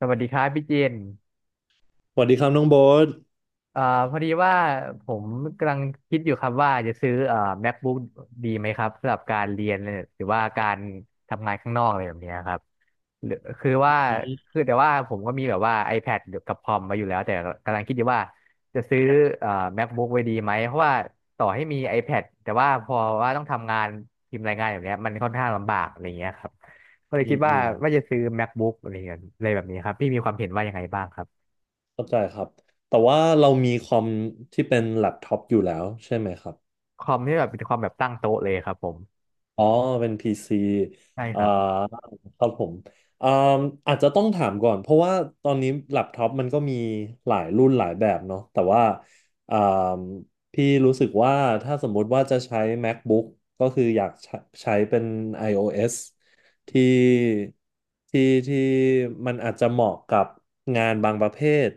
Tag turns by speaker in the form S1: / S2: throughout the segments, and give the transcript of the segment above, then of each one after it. S1: สวัสดีครับพี่เจน
S2: สวัสดีครับน้องโบ๊ท
S1: เอ่อพอดีว่าผมกำลังคิดอยู่ครับว่าจะซื้อMacBook ดีไหมครับสำหรับการเรียนเนี่ยหรือว่าการทำงานข้างนอกอะไรแบบเนี้ยครับหรือคือ
S2: อ
S1: ว่า
S2: ืม
S1: คือแต่ว่าผมก็มีแบบว่า iPad กับคอมมาอยู่แล้วแต่กำลังคิดอยู่ว่าจะซื้อเอ่อ MacBook ไว้ดีไหมเพราะว่าต่อให้มี iPad แต่ว่าพอว่าต้องทำงานพิมพ์รายงานแบบเนี้ยมันค่อนข้างลำบากอะไรเงี้ยครับก็เลย
S2: อื
S1: คิด
S2: มอื
S1: ว่า
S2: ม
S1: จะซื้อ MacBook อะไรเงี้ยอะไรแบบนี้ครับพี่มีความเห็นว่ายังไงบ้างครับ
S2: เข้าใจครับ แต่ว่าเรามีคอมที่เป็นแล็ปท็อปอยู่แล้วใช่ไหมครับ
S1: คอมที่แบบเป็นคอมแบบตั้งโต๊ะเลยครับผม
S2: อ๋อเป็น PC
S1: ใช่ค
S2: อ่า
S1: รับผม
S2: ครับผมอ่าอาจจะต้องถามก่อนเพราะว่าตอนนี้แล็ปท็อปมันก็มีหลายรุ่นหลายแบบเนาะแต่ว่าอ่าพี่รู้สึกว่าถ้าสมมุติว่าจะใช้ MacBook ก็คืออยากใช้ใช้เป็น iOS ที่ที่ที่มันอาจจะเหมาะกับงานบางประเภท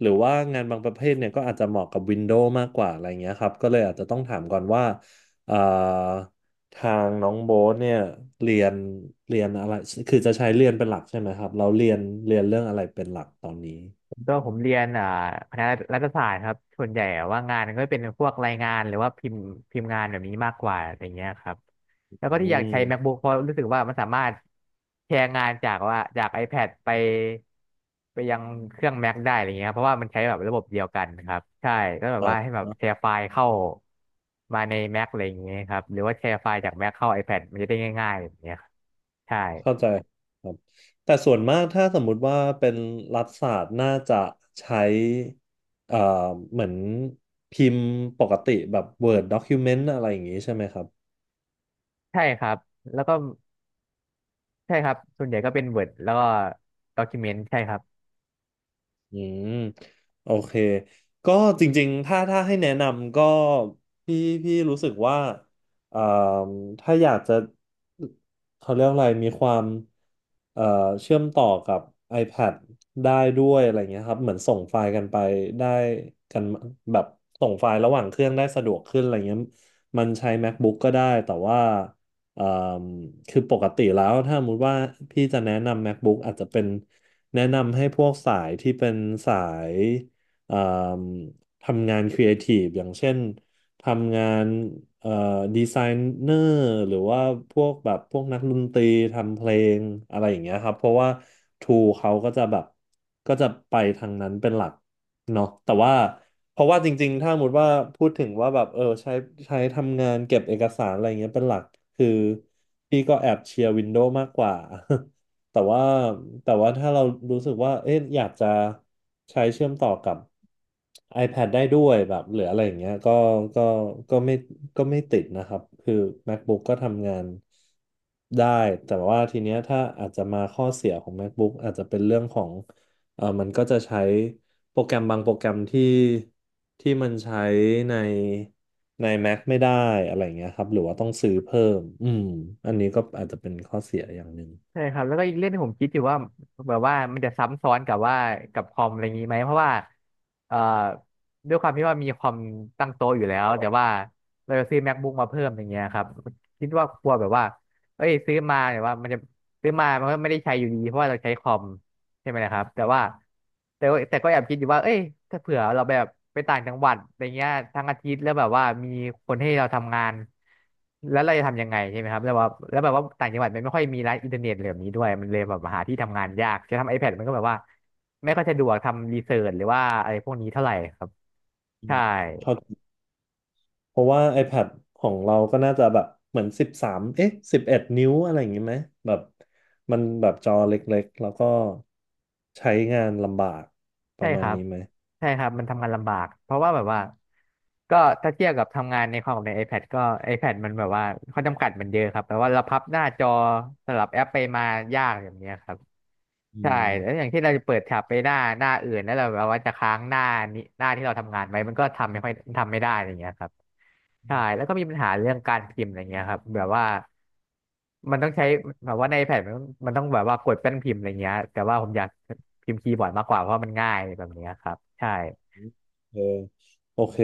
S2: หรือว่างานบางประเภทเนี่ยก็อาจจะเหมาะกับ Windows มากกว่าอะไรเงี้ยครับก็เลยอาจจะต้องถามก่อนว่าเอ่อ ทางน้องโบ๊ทเนี่ยเรียนเรียนอะไรคือจะใช้เรียนเป็นหลักใช่ไหมครับเราเรียนเรื่องอะไรเป็นหลักตอนนี้
S1: ตัวผมเรียนอ่าคณะรัฐศาสตร์ครับส่วนใหญ่ว่างานก็เป็นพวกรายงานหรือว่าพิมพ์งานแบบนี้มากกว่าอะไรเงี้ยครับแล้วก็
S2: อื
S1: ที่อยากใช้
S2: ม
S1: MacBook เพราะรู้สึกว่ามันสามารถแชร์งานจากว่าจาก iPad ไปยังเครื่อง Mac ได้อะไรเงี้ยครับเพราะว่ามันใช้แบบระบบเดียวกันครับใช่ก็แบบ
S2: อ่า
S1: ว่าให้แบบ
S2: เนอะ
S1: แชร์ไฟล์เข้ามาใน Mac อะไรอย่างเงี้ยครับหรือว่าแชร์ไฟล์จาก Mac เข้า iPad มันจะได้ง่ายๆแบบเนี้ยครับใช่
S2: เข้าใจครับแต่ส่วนมากถ้าสมมุติว่าเป็นรัฐศาสตร์น่าจะใช้เอ่อเหมือนพิมพ์ปกติแบบ Word Document อะไรอย่างนี้ใช่ไหมครับ
S1: ใช่ครับแล้วก็ใช่ครับ ส่วนใหญ่ก็เป็น Word แล้วก็ Document ใช่ครับ
S2: อืมโอเคก็จริงๆถ้าให้แนะนำก็พี่พี่รู้สึกว่าเอ่อถ้าอยากจะเขาเรียกอะไรมีความเอ่อเชื่อมต่อกับ iPad ได้ด้วยอะไรเงี้ยครับเหมือนส่งไฟล์กันไปได้กันแบบส่งไฟล์ระหว่างเครื่องได้สะดวกขึ้นอะไรเงี้ยมันใช้ MacBook ก็ได้แต่ว่าเอ่อคือปกติแล้วถ้าสมมติว่าพี่จะแนะนำ MacBook อาจจะเป็น แนะนำให้พวกสายที่เป็นสายเอ่มทำงานครีเอทีฟอย่างเช่นทำงานเอ่อดีไซเนอร์หรือว่าพวกแบบพวกนักดนตรีทำเพลงอะไรอย่างเงี้ยครับเพราะว่าทูเขาก็จะแบบก็จะไปทางนั้นเป็นหลักเนาะแต่ว่าเพราะว่าจริงๆถ้าสมมติว่าพูดถึงว่าแบบเออใช้ใช้ทำงานเก็บเอกสารอะไรเงี้ยเป็นหลักคือพี่ก็แอบเชียร์วินโดว์มากกว่า แต่ว่าถ้าเรารู้สึกว่าเอ๊ะอยากจะใช้เชื่อมต่อกับ iPad ได้ด้วยแบบหรืออะไรอย่างเงี้ยก็ก็ไม่ไม่ติดนะครับคือ MacBook ก็ทำงานได้แต่ว่าทีเนี้ยถ้าอาจจะมาข้อเสียของ MacBook อาจจะเป็นเรื่องของเออมันก็จะใช้โปรแกรมบางโปรแกรมที่มันใช้ในใน Mac ไม่ได้อะไรอย่างเงี้ยครับหรือว่าต้องซื้อเพิ่มอืมอันนี้ก็อาจจะเป็นข้อเสียอย่างหนึ่ง
S1: ใช่ครับแล้วก็อีกเรื่องที่ผมคิดอยู่ว่าแบบว่ามันจะซ้ำซ้อนกับว่ากับคอมอะไรอย่างนี้ไหมเพราะว่าเอ่อด้วยความที่ว่ามีคอมตั้งโต๊ะอยู่แล้วแต่ว่าเราจะซื้อ MacBook มาเพิ่มอย่างเงี้ยครับคิดว่ากลัวแบบว่าเอ้ยซื้อมาแต่ว่ามันจะซื้อมามันก็ไม่ได้ใช้อยู่ดีเพราะว่าเราใช้คอม ใช่ไหมนะครับแต่ว่าแต่ก็แอบคิดอยู่ว่าเอ้ยถ้าเผื่อเราแบบไปต่างจังหวัดอะไรเงี้ยทั้งอาทิตย์แล้วแบบว่ามีคนให้เราทำงานแล้วเราจะทำยังไงใช่ไหมครับแล้วว่าแล้วแบบว่าต่างจังหวัดมันไม่ค่อยมีร้านอินเทอร์เน็ตเหล่านี้ด้วยมันเลยแบบหาที่ทำงานยากจะทำ iPad มันก็แบบว่าไม่ค่อยสะดวกทำรีเสิร์ชหรือว่าอะไรพวกนี้เท่าไหร่ครับ
S2: อืม
S1: ใช่
S2: เท่ากันเพราะว่า iPad ของเราก็น่าจะแบบเหมือน13เอ๊ะ11 นิ้วอะไรอย่างงี้ไหมแบบมันแบบจอเล็กๆแล้วก็ใช้งานลำบากป
S1: ใช่
S2: ระมา
S1: ค
S2: ณ
S1: รับ
S2: นี้ไหม
S1: ใช่ครับ มันทำงานลำบาก เพราะว่าแบบว่าก็ถ้าเทียบกับทำงานในคอมกับใน iPad ก็ iPad มันแบบว่าข้อจำกัดมันเยอะครับแปลว่าเราพับหน้าจอสลับแอปไปมายากอย่างเนี้ยครับ
S2: อื
S1: ใช่แล้วอ
S2: ม
S1: ย่างที่เราจะเปิดแท็บไปหน้าอื่นแล้วเราแบบว่าจะค้างหน้านี้หน้าที่เราทำงานไว้มันก็ทำไม่ค่อยทำไม่ได้อะไรอย่างเงี้ยครับใช่แล้วก็มีปัญหาเรื่องการพิมพ์อะไรเงี้ยครับแบบว่ามันต้องใช้แบบว่าในแผ่นมันต้องแบบว่ากดแป้นพิมพ์อะไรเงี้ยแต่ว่าผมอยากพิมพ์คีย์บอร์ดมากกว่าเพราะมันง่ายแบบเนี้ยครับใช่
S2: เออโอเค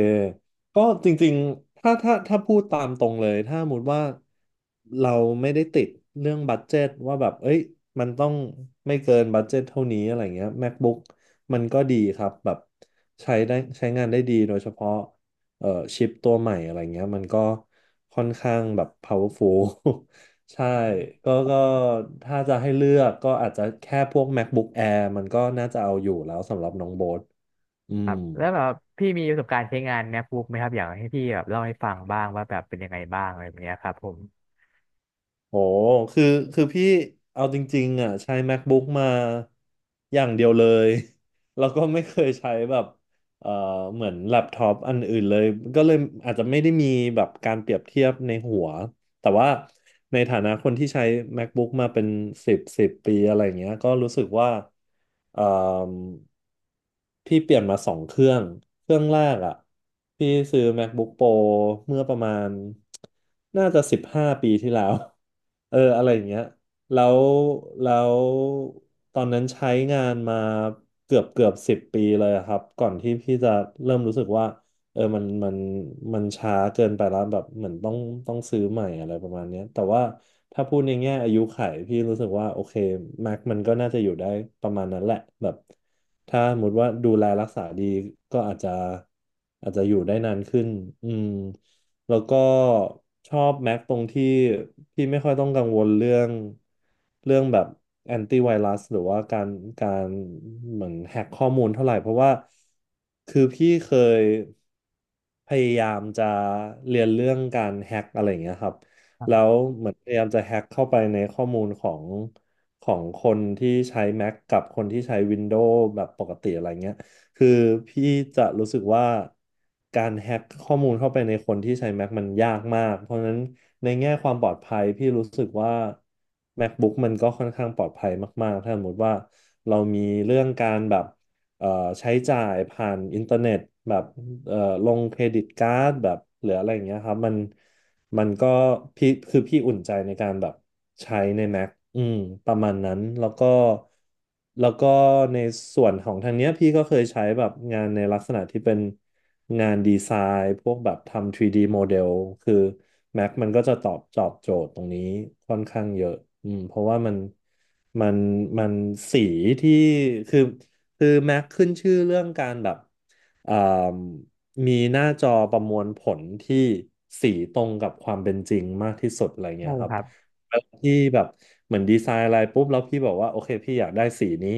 S2: ก็จริงๆถ้าพูดตามตรงเลยถ้าสมมติว่าเราไม่ได้ติดเรื่องบัดเจ็ตว่าแบบเอ้ยมันต้องไม่เกินบัดเจ็ตเท่านี้อะไรเงี้ย MacBook มันก็ดีครับแบบใช้ได้ใช้งานได้ดีโดยเฉพาะเอ่อชิปตัวใหม่อะไรเงี้ยมันก็ค่อนข้างแบบ powerful ใช่ก็ถ้าจะให้เลือกก็อาจจะแค่พวก MacBook Air มันก็น่าจะเอาอยู่แล้วสำหรับน้องโบ๊ทอื
S1: ครั
S2: ม
S1: บแล้วแบบพี่มีประสบการณ์ใช้งานแมคบุ๊กไหมครับอยากให้พี่แบบเล่าให้ฟังบ้างว่าแบบเป็นยังไงบ้างอะไรแบบเนี้ยครับผม
S2: โอ้คือคือพี่เอาจริงๆอ่ะใช้ MacBook มาอย่างเดียวเลย แล้วก็ไม่เคยใช้แบบเอ่อเหมือนแล็ปท็อปอันอื่นเลยก็เลยอาจจะไม่ได้มีแบบการเปรียบเทียบในหัว แต่ว่าในฐานะคนที่ใช้ MacBook มาเป็นสิบสิบปีอะไรอย่างเงี้ยก็รู้สึกว่าเอ่มพี่เปลี่ยนมา2 เครื่อง เครื่องแรกอ่ะพี่ซื้อ MacBook Pro เมื่อประมาณน่าจะ15 ปีที่แล้ว เอออะไรอย่างเงี้ยแล้วแล้วตอนนั้นใช้งานมาเกือบ 10 ปีเลยอะครับก่อนที่พี่จะเริ่มรู้สึกว่า เออมันมันช้าเกินไปแล้วแบบเหมือนต้องซื้อใหม่อะไรประมาณเนี้ยแต่ว่าถ้าพูดในแง่อายุขัยพี่รู้สึกว่าโอเค Mac มันก็น่าจะอยู่ได้ประมาณนั้นแหละแบบถ้าสมมติว่าดูแลรักษาดีก็อาจจะอยู่ได้นานขึ้นอืม แล้วก็ชอบแม็กตรงที่พี่ไม่ค่อยต้องกังวลเรื่องแบบแอนตี้ไวรัสหรือว่าการการเหมือนแฮกข้อมูลเท่าไหร่เพราะว่าคือพี่เคยพยายามจะเรียนเรื่องการแฮกอะไรอย่างเงี้ยครับแล้ว
S1: ใช
S2: เหมือนพยายามจะแฮกเข้าไปในข้อมูลของของคนที่ใช้ Mac กับคนที่ใช้ Windows แบบปกติอะไรเงี้ย คือพี่จะรู้สึกว่าการแฮ็กข้อมูลเข้าไปในคนที่ใช้ Mac มันยากมาก เพราะฉะนั้นในแง่ความปลอดภัยพี่รู้สึกว่า MacBook มันก็ค่อนข้างปลอดภัยมากๆถ้าสมมติว่าเรามีเรื่องการแบบเอ่อใช้จ่ายผ่านอินเทอร์เน็ตแบบเอ่อลงเครดิตการ์ดแบบหรืออะไรอย่างเงี้ยครับมันก็พี่คือพี่อุ่นใจในการแบบใช้ใน Mac อืมประมาณนั้นแล้วก็ในส่วนของทางเนี้ยพี่ก็เคยใช้แบบงานในลักษณะที่เป็นงานดีไซน์พวกแบบทำ 3D โมเดลคือ Mac มันก็จะตอบโจทย์ตรงนี้ค่อนข้างเยอะอืมเพราะว่ามันมันสีที่คือคือ Mac ขึ้นชื่อเรื่องการแบบอ่า มีหน้าจอประมวลผลที่สีตรงกับความเป็นจริงมากที่สุดอะไรเงี้
S1: ่
S2: ยค
S1: ค
S2: รับ
S1: รับ
S2: แล้วพี่แบบเหมือนดีไซน์อะไรปุ๊บแล้วพี่บอกว่าโอเคพี่อยากได้สีนี้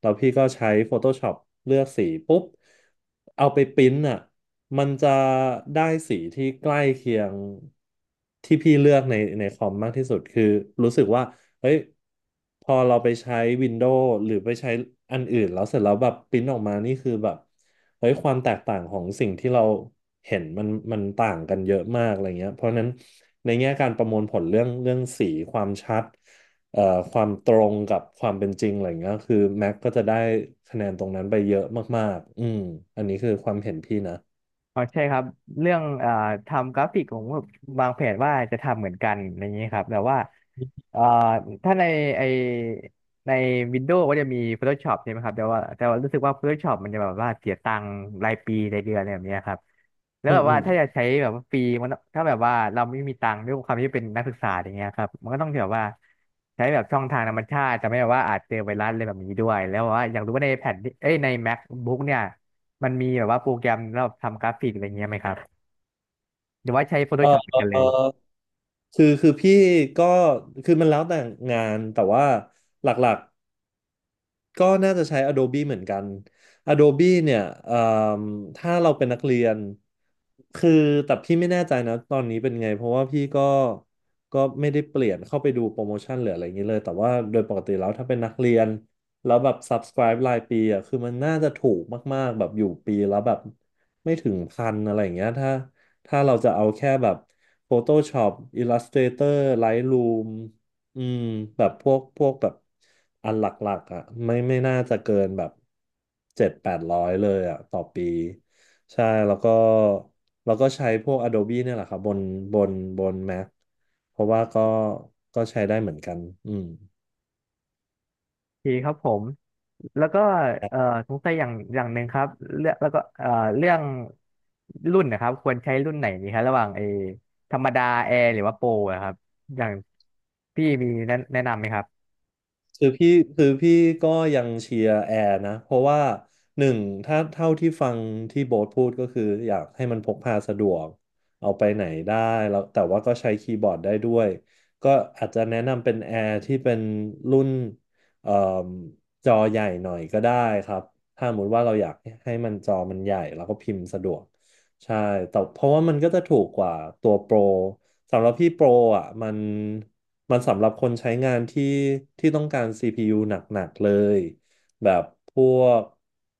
S2: แล้วพี่ก็ใช้ Photoshop เลือกสีปุ๊บเอาไปปริ้นอ่ะมันจะได้สีที่ใกล้เคียงที่พี่เลือกในคอมมากที่สุดคือรู้สึกว่า เฮ้ยพอเราไปใช้ Windows หรือไปใช้อันอื่นแล้วเสร็จแล้วแบบปริ้นออกมานี่คือแบบเฮ้ยความแตกต่างของสิ่งที่เราเห็นมันต่างกันเยอะมากอะไรเงี้ยเพราะฉะนั้นในแง่การประมวลผลเรื่องสีความชัดเอ่อความตรงกับความเป็นจริงอะไรเงี้ยคือ Mac ก็จะได้คะแนนตรงนั้นไปเยอะมากๆอืมอันนี้คือความเห็นพี่นะ
S1: อ๋อใช่ครับเรื่องทำกราฟิกผมก็วางแผนว่าจะทำเหมือนกันอย่างนี้ครับแต่ว่าเอ่อถ้าในไอในวินโดว์ก็จะมี Photoshop ใช่ไหมครับแต่ว่ารู้สึกว่า Photoshop มันจะแบบว่าเสียตังค์รายปีรายเดือนอะไรแบบเนี้ยครับแล้ว
S2: อื
S1: แบ
S2: ม
S1: บ
S2: อื
S1: ว่า
S2: ม
S1: ถ้าจะใช้แบบว่าฟรีมันถ้าแบบว่าเราไม่มีตังค์ด้วยความที่เป็นนักศึกษาอย่างเงี้ยครับมันก็ต้องแบบว่าใช้แบบช่องทางธรรมชาติจะไม่แบบว่าอาจเจอไวรัสอะไรแบบนี้ด้วยแล้วแบบว่าอยากรู้ว่าในแผ่นที่เอ้ยใน MacBook เนี่ย มันมีแบบว่าโปรแกรมสำหรับทำกราฟิกอะไรเงี้ยไหมครับหรือว่าใช้
S2: เออ
S1: Photoshop เหมือนกัน
S2: เอ
S1: เล
S2: อ
S1: ย
S2: คือพี่ก็คือมันแล้วแต่งานแต่ว่าหลัก ก็น่าจะใช้ Adobe เหมือนกัน Adobe เนี่ยเอ่มถ้าเราเป็นนักเรียน คือแต่พี่ไม่แน่ใจนะตอนนี้เป็นไงเพราะว่าพี่ก็ไม่ได้เปลี่ยนเข้าไปดูโปรโมชั่นหรืออะไรอย่างนี้เลย แต่ว่าโดยปกติแล้วถ้าเป็นนักเรียน แล้วแบบ subscribe รายปีอ่ะคือมันน่าจะถูกมากๆแบบอยู่ปีแล้วแบบไม่ถึงพันอะไรอย่างเงี้ยถ้าเราจะเอาแค่แบบ Photoshop Illustrator Lightroom อืมแบบพวกแบบอันหลักๆอ่ะไม่น่าจะเกินแบบเจ็ดแปดร้อยเลยอ่ะต่อปีใช่แล้วก็ใช้พวก Adobe เนี่ยแหละครับบนบน Mac เพราะว่าก็ใช้ได้เหมือนกันอืม
S1: โอเคครับผมแล้วก็เอ่อสงสัยอย่างหนึ่งครับเรื่องแล้วก็เรื่องรุ่นนะครับควรใช้รุ่นไหนดีครับระหว่างเออธรรมดาแอร์หรือว่าโปรอะครับอย่างพี่มีแนะนำไหมครับ
S2: คือพี่คือพี่ก็ยังเชียร์แอร์นะเพราะว่าหนึ่งถ้าเท่าที่ฟังที่โบ๊ทพูดก็คืออยากให้มันพกพาสะดวกเอาไปไหนได้แล้วแต่ว่าก็ใช้คีย์บอร์ดได้ด้วยก็อาจจะแนะนำเป็นแอร์ที่เป็นรุ่นเอ่มจอใหญ่หน่อยก็ได้ครับถ้าสมมติว่าเราอยากให้มันจอมันใหญ่แล้วก็พิมพ์สะดวกใช่แต่เพราะว่ามันก็จะถูกกว่าตัวโปร สำหรับพี่โปรอ่ะมันสำหรับคนใช้งานที่ต้องการ CPU หนักๆเลยแบบพวก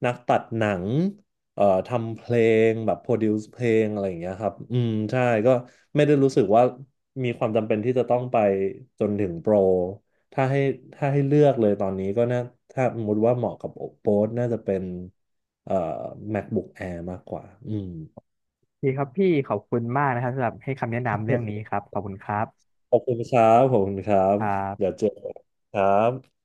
S2: นักตัดหนังทำเพลงแบบโปรดิวซ์เพลงอะไรอย่างเงี้ยครับอืมใช่ก็ไม่ได้รู้สึกว่ามีความจำเป็นที่จะต้องไปจนถึงโปรถ้าให้ถ้าให้เลือกเลยตอนนี้ก็น่าถ้าสมมติว่าเหมาะกับโปรน่าจะเป็นเอ่อ MacBook Air มากกว่าอืม
S1: พี่ครับพี่ขอบคุณมากนะครับสำหรับให้คำแนะนำเรื่องนี้ครับขอบคุณครับ
S2: ขอบคุณครับ
S1: ครั
S2: เดี๋ยว
S1: บ
S2: เจอกันครับ